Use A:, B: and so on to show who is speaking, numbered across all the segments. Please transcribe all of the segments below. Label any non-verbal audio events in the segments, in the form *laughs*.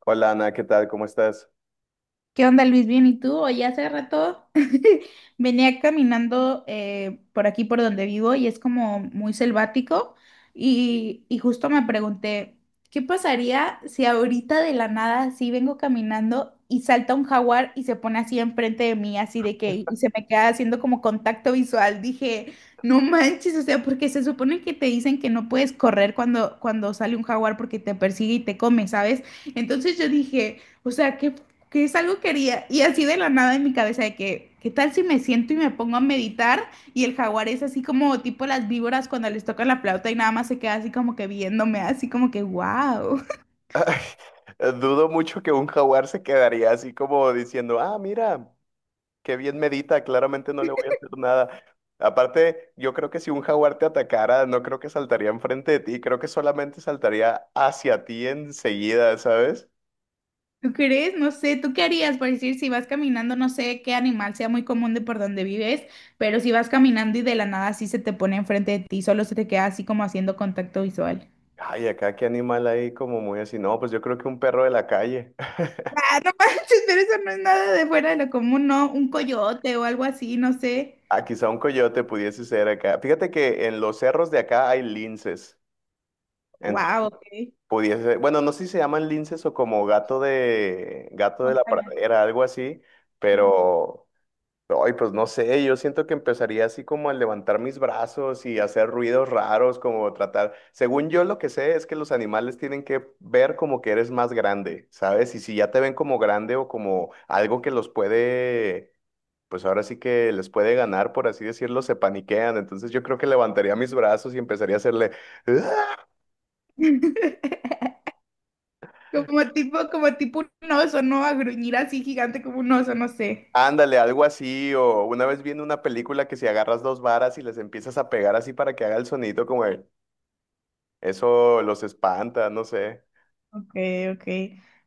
A: Hola Ana, ¿qué tal? ¿Cómo estás?
B: ¿Qué onda, Luis? Bien, ¿y tú? Hoy hace rato *laughs* venía caminando por aquí por donde vivo y es como muy selvático y justo me pregunté, ¿qué pasaría si ahorita de la nada así vengo caminando y salta un jaguar y se pone así enfrente de mí, así de que y se me queda haciendo como contacto visual? Dije, no manches, o sea, porque se supone que te dicen que no puedes correr cuando sale un jaguar porque te persigue y te come, ¿sabes? Entonces yo dije... O sea, ¿qué que es algo que haría, y así de la nada en mi cabeza de que, ¿qué tal si me siento y me pongo a meditar? Y el jaguar es así como tipo las víboras cuando les tocan la flauta y nada más se queda así como que viéndome, así como que, wow,
A: *laughs* Dudo mucho que un jaguar se quedaría así como diciendo, ah, mira, qué bien medita, claramente no le voy a hacer nada. Aparte, yo creo que si un jaguar te atacara, no creo que saltaría enfrente de ti, creo que solamente saltaría hacia ti enseguida, ¿sabes?
B: *laughs* ¿tú crees? No sé, ¿tú qué harías? Por decir, si vas caminando, no sé qué animal sea muy común de por donde vives, pero si vas caminando y de la nada así se te pone enfrente de ti, solo se te queda así como haciendo contacto visual.
A: Ay, acá qué animal hay como muy así. No, pues yo creo que un perro de la calle. *laughs*
B: Ah, no manches, pero eso no es nada de fuera de lo común, ¿no? Un coyote o algo así, no sé.
A: Ah, quizá un coyote pudiese ser acá. Fíjate que en los cerros de acá hay linces.
B: Wow, ok.
A: Pudiese, bueno, no sé si se llaman linces o como gato de la
B: Montaña.
A: pradera, algo así, pero ay, pues no sé, yo siento que empezaría así como a levantar mis brazos y hacer ruidos raros, como tratar, según yo lo que sé es que los animales tienen que ver como que eres más grande, ¿sabes? Y si ya te ven como grande o como algo que los puede, pues ahora sí que les puede ganar, por así decirlo, se paniquean, entonces yo creo que levantaría mis brazos y empezaría a hacerle.
B: *laughs* Como tipo un oso, ¿no? A gruñir así gigante como un oso, no sé.
A: Ándale, algo así, o una vez viendo una película que si agarras dos varas y les empiezas a pegar así para que haga el sonido como de, eso los espanta, no sé.
B: Ok, ok.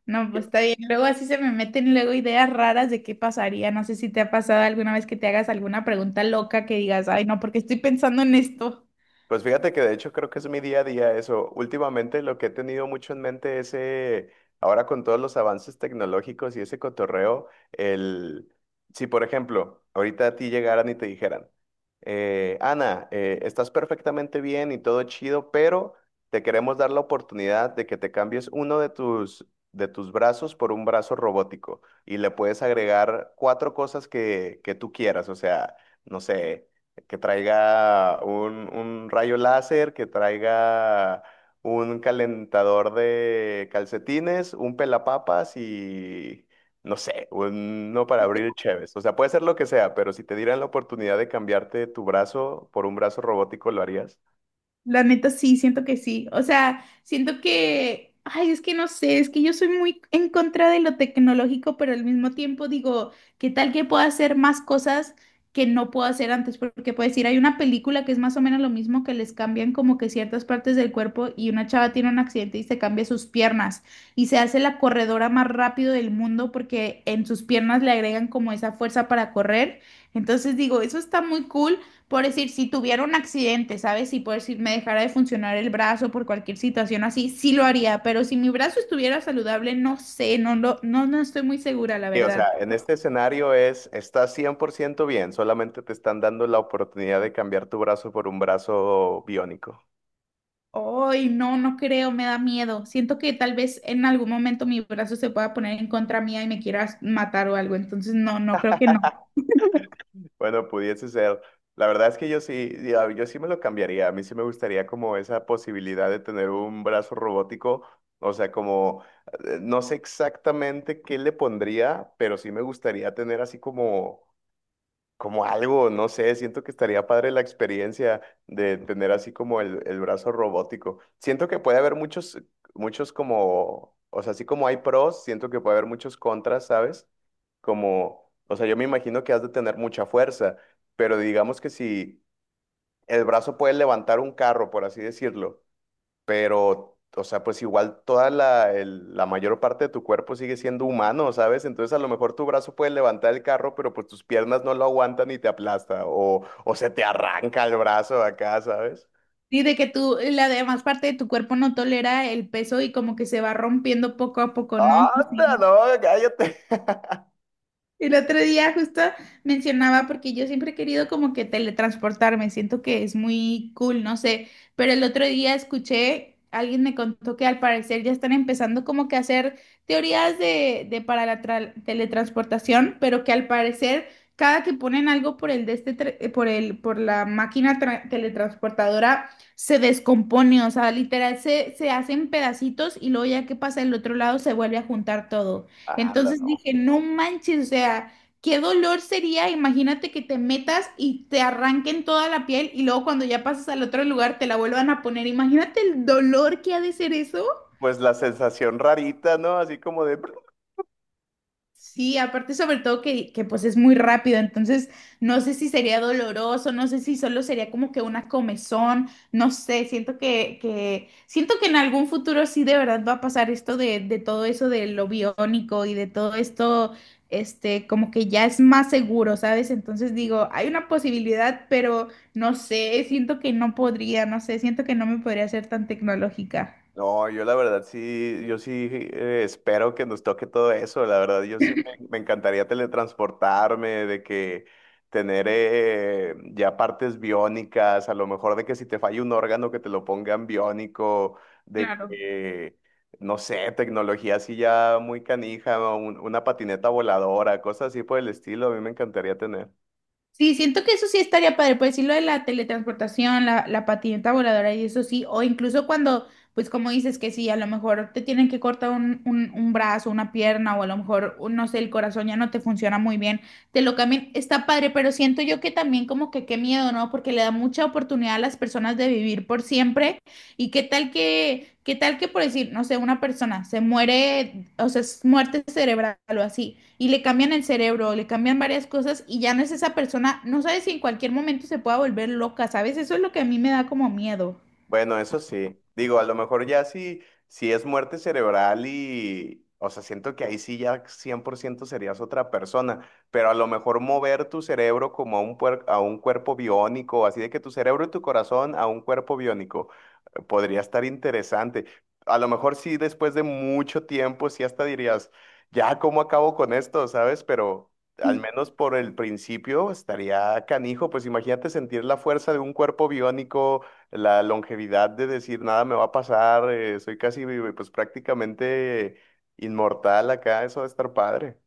B: No, pues está bien. Luego así se me meten luego ideas raras de qué pasaría. No sé si te ha pasado alguna vez que te hagas alguna pregunta loca que digas, ay, no, porque estoy pensando en esto.
A: Pues fíjate que de hecho creo que es mi día a día eso. Últimamente lo que he tenido mucho en mente es, ahora con todos los avances tecnológicos y ese cotorreo, el, si por ejemplo, ahorita a ti llegaran y te dijeran, Ana, estás perfectamente bien y todo chido, pero te queremos dar la oportunidad de que te cambies uno de tus, brazos por un brazo robótico y le puedes agregar cuatro cosas que tú quieras, o sea... No sé, que traiga un rayo láser, que traiga un calentador de calcetines, un pelapapas y no sé, uno para abrir cheves. O sea, puede ser lo que sea, pero si te dieran la oportunidad de cambiarte tu brazo por un brazo robótico, ¿lo harías?
B: La neta sí, siento que sí. O sea, siento que, ay, es que no sé, es que yo soy muy en contra de lo tecnológico, pero al mismo tiempo digo, ¿qué tal que pueda hacer más cosas que no puedo hacer antes? Porque puedes decir, hay una película que es más o menos lo mismo, que les cambian como que ciertas partes del cuerpo y una chava tiene un accidente y se cambia sus piernas y se hace la corredora más rápido del mundo porque en sus piernas le agregan como esa fuerza para correr. Entonces digo, eso está muy cool. Por decir, si tuviera un accidente, ¿sabes? Si por decir me dejara de funcionar el brazo por cualquier situación así, sí lo haría, pero si mi brazo estuviera saludable, no sé, no lo, no, no estoy muy segura, la
A: Sí, o sea,
B: verdad.
A: en este escenario es, estás 100% bien, solamente te están dando la oportunidad de cambiar tu brazo por un brazo biónico.
B: Ay, no, no creo, me da miedo. Siento que tal vez en algún momento mi brazo se pueda poner en contra mía y me quieras matar o algo, entonces no, no creo que no.
A: Bueno, pudiese ser. La verdad es que yo sí, yo sí me lo cambiaría. A mí sí me gustaría como esa posibilidad de tener un brazo robótico. O sea, como, no sé exactamente qué le pondría, pero sí me gustaría tener así como, como algo, no sé, siento que estaría padre la experiencia de tener así como el brazo robótico. Siento que puede haber muchos, muchos como, o sea, así como hay pros, siento que puede haber muchos contras, ¿sabes? Como, o sea, yo me imagino que has de tener mucha fuerza, pero digamos que si el brazo puede levantar un carro, por así decirlo, pero, o sea, pues igual toda la mayor parte de tu cuerpo sigue siendo humano, ¿sabes? Entonces a lo mejor tu brazo puede levantar el carro, pero pues tus piernas no lo aguantan y te aplasta, o se te arranca el brazo acá, ¿sabes?
B: Sí, de que tú, la demás parte de tu cuerpo no tolera el peso y como que se va rompiendo poco a poco, ¿no?
A: ¡Anda,
B: Sí.
A: no! ¡Cállate! *laughs*
B: El otro día justo mencionaba, porque yo siempre he querido como que teletransportarme, siento que es muy cool, no sé, pero el otro día escuché, alguien me contó que al parecer ya están empezando como que a hacer teorías de para la teletransportación, pero que al parecer cada que ponen algo por el de este, por el, por la máquina teletransportadora se descompone, o sea, literal se hacen pedacitos y luego ya que pasa el otro lado se vuelve a juntar todo.
A: ¡Anda,
B: Entonces
A: no!
B: dije, no manches, o sea, qué dolor sería, imagínate que te metas y te arranquen toda la piel y luego cuando ya pasas al otro lugar te la vuelvan a poner. Imagínate el dolor que ha de ser eso.
A: Pues la sensación rarita, ¿no? Así como de...
B: Sí, aparte sobre todo que pues es muy rápido, entonces no sé si sería doloroso, no sé si solo sería como que una comezón, no sé, siento que siento que en algún futuro sí de verdad va a pasar esto de todo eso de lo biónico y de todo esto, como que ya es más seguro, ¿sabes? Entonces digo, hay una posibilidad, pero no sé, siento que no podría, no sé, siento que no me podría ser tan tecnológica.
A: No, yo la verdad sí, yo sí espero que nos toque todo eso. La verdad, yo sí me encantaría teletransportarme, de que tener ya partes biónicas, a lo mejor de que si te falla un órgano que te lo pongan biónico, de
B: Claro.
A: que, no sé, tecnología así ya muy canija, ¿no? una patineta voladora, cosas así por el estilo, a mí me encantaría tener.
B: Sí, siento que eso sí estaría padre, pues sí, lo de la teletransportación, la patineta voladora y eso sí, o incluso cuando, pues como dices que sí, a lo mejor te tienen que cortar un brazo, una pierna, o a lo mejor, no sé, el corazón ya no te funciona muy bien, te lo cambian, está padre, pero siento yo que también como que qué miedo, ¿no? Porque le da mucha oportunidad a las personas de vivir por siempre, y qué tal qué tal que por decir, no sé, una persona se muere, o sea, es muerte cerebral o así y le cambian el cerebro, le cambian varias cosas y ya no es esa persona, no sabes si en cualquier momento se pueda volver loca, ¿sabes? Eso es lo que a mí me da como miedo.
A: Bueno, eso sí. Digo, a lo mejor ya sí, si es muerte cerebral y, o sea, siento que ahí sí ya 100% serías otra persona, pero a lo mejor mover tu cerebro como a a un cuerpo biónico, así de que tu cerebro y tu corazón a un cuerpo biónico, podría estar interesante. A lo mejor sí, después de mucho tiempo, sí hasta dirías, ya, ¿cómo acabo con esto? ¿Sabes? Pero... Al menos por el principio estaría canijo, pues imagínate sentir la fuerza de un cuerpo biónico, la longevidad de decir nada me va a pasar, soy casi pues prácticamente inmortal acá, eso de estar padre.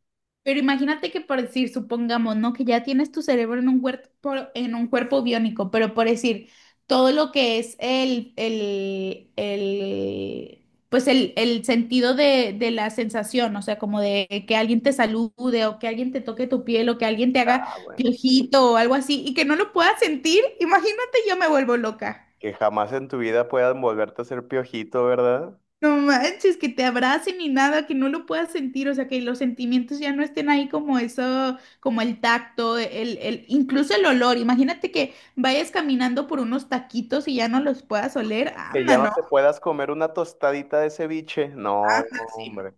B: Pero imagínate que por decir, supongamos, ¿no? Que ya tienes tu cerebro en un cuerpo biónico, pero por decir, todo lo que es el sentido de la sensación, o sea, como de que alguien te salude o que alguien te toque tu piel o que alguien te haga
A: Ah, bueno.
B: piojito o algo así y que no lo puedas sentir, imagínate yo me vuelvo loca.
A: Que jamás en tu vida puedas volverte a ser piojito, ¿verdad?
B: No manches, que te abracen y nada, que no lo puedas sentir, o sea, que los sentimientos ya no estén ahí como eso, como el tacto, incluso el olor. Imagínate que vayas caminando por unos taquitos y ya no los puedas oler.
A: Que
B: Anda,
A: ya no
B: no,
A: te puedas comer una tostadita de ceviche. No,
B: anda, sí,
A: hombre.
B: no.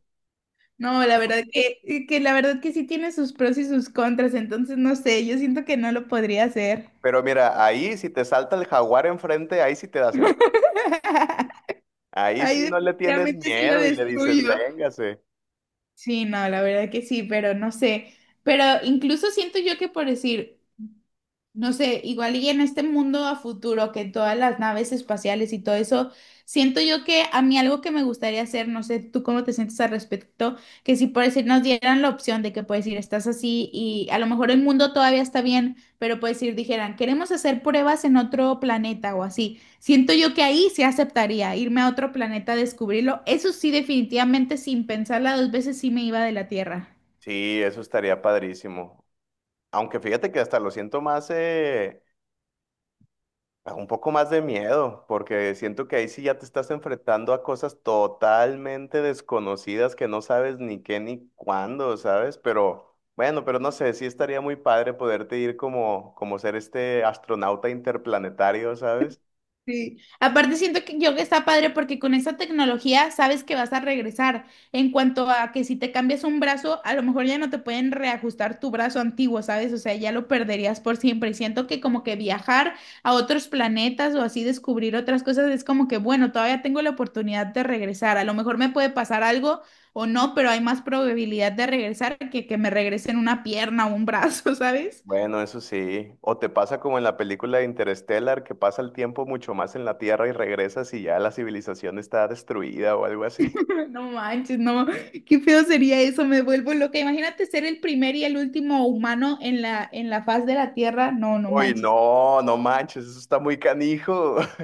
B: No, la verdad que la verdad que sí tiene sus pros y sus contras, entonces no sé, yo siento que no lo podría hacer.
A: Pero mira, ahí si te salta el jaguar enfrente, ahí sí te das el...
B: *laughs*
A: Ahí
B: Ay,
A: sí no le tienes
B: definitivamente sí lo
A: miedo y le dices,
B: destruyo.
A: véngase.
B: Sí, no, la verdad que sí, pero no sé. Pero incluso siento yo que por decir, no sé, igual y en este mundo a futuro, que todas las naves espaciales y todo eso, siento yo que a mí algo que me gustaría hacer, no sé, tú cómo te sientes al respecto, que si por decir nos dieran la opción de que puedes ir, estás así y a lo mejor el mundo todavía está bien, pero puedes ir, dijeran, queremos hacer pruebas en otro planeta o así. Siento yo que ahí sí aceptaría irme a otro planeta a descubrirlo. Eso sí, definitivamente sin pensarla dos veces sí me iba de la Tierra.
A: Sí, eso estaría padrísimo. Aunque fíjate que hasta lo siento más, Ah, un poco más de miedo, porque siento que ahí sí ya te estás enfrentando a cosas totalmente desconocidas que no sabes ni qué ni cuándo, ¿sabes? Pero bueno, pero no sé, sí estaría muy padre poderte ir como, como ser este astronauta interplanetario, ¿sabes?
B: Sí. Aparte siento que yo que está padre porque con esa tecnología sabes que vas a regresar. En cuanto a que si te cambias un brazo, a lo mejor ya no te pueden reajustar tu brazo antiguo, ¿sabes? O sea, ya lo perderías por siempre. Y siento que como que viajar a otros planetas o así descubrir otras cosas es como que, bueno, todavía tengo la oportunidad de regresar. A lo mejor me puede pasar algo o no, pero hay más probabilidad de regresar que me regresen una pierna o un brazo, *laughs* ¿sabes?
A: Bueno, eso sí. O te pasa como en la película de Interstellar, que pasa el tiempo mucho más en la Tierra y regresas y ya la civilización está destruida o algo así. *laughs*
B: *laughs* No manches, no, qué feo sería eso, me vuelvo loca. Imagínate ser el primer y el último humano en en la faz de la Tierra. No, no
A: Uy,
B: manches.
A: no, no manches, eso está muy canijo. *laughs*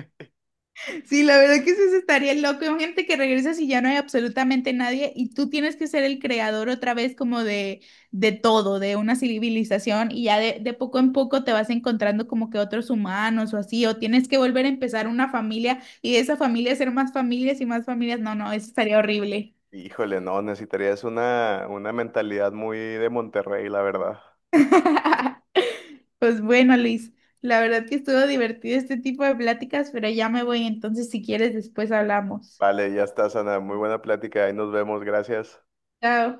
B: Sí, la verdad que sí se estaría loco. Imagínate que regresas y ya no hay absolutamente nadie y tú tienes que ser el creador otra vez como de todo, de una civilización y ya de poco en poco te vas encontrando como que otros humanos o así, o tienes que volver a empezar una familia y de esa familia ser más familias y más familias. No, no, eso estaría horrible.
A: Híjole, no, necesitarías una mentalidad muy de Monterrey, la verdad.
B: *laughs* Pues bueno, Luis, la verdad que estuvo divertido este tipo de pláticas, pero ya me voy, entonces si quieres después hablamos.
A: Vale, ya está, Sana. Muy buena plática. Ahí nos vemos. Gracias.
B: Chao.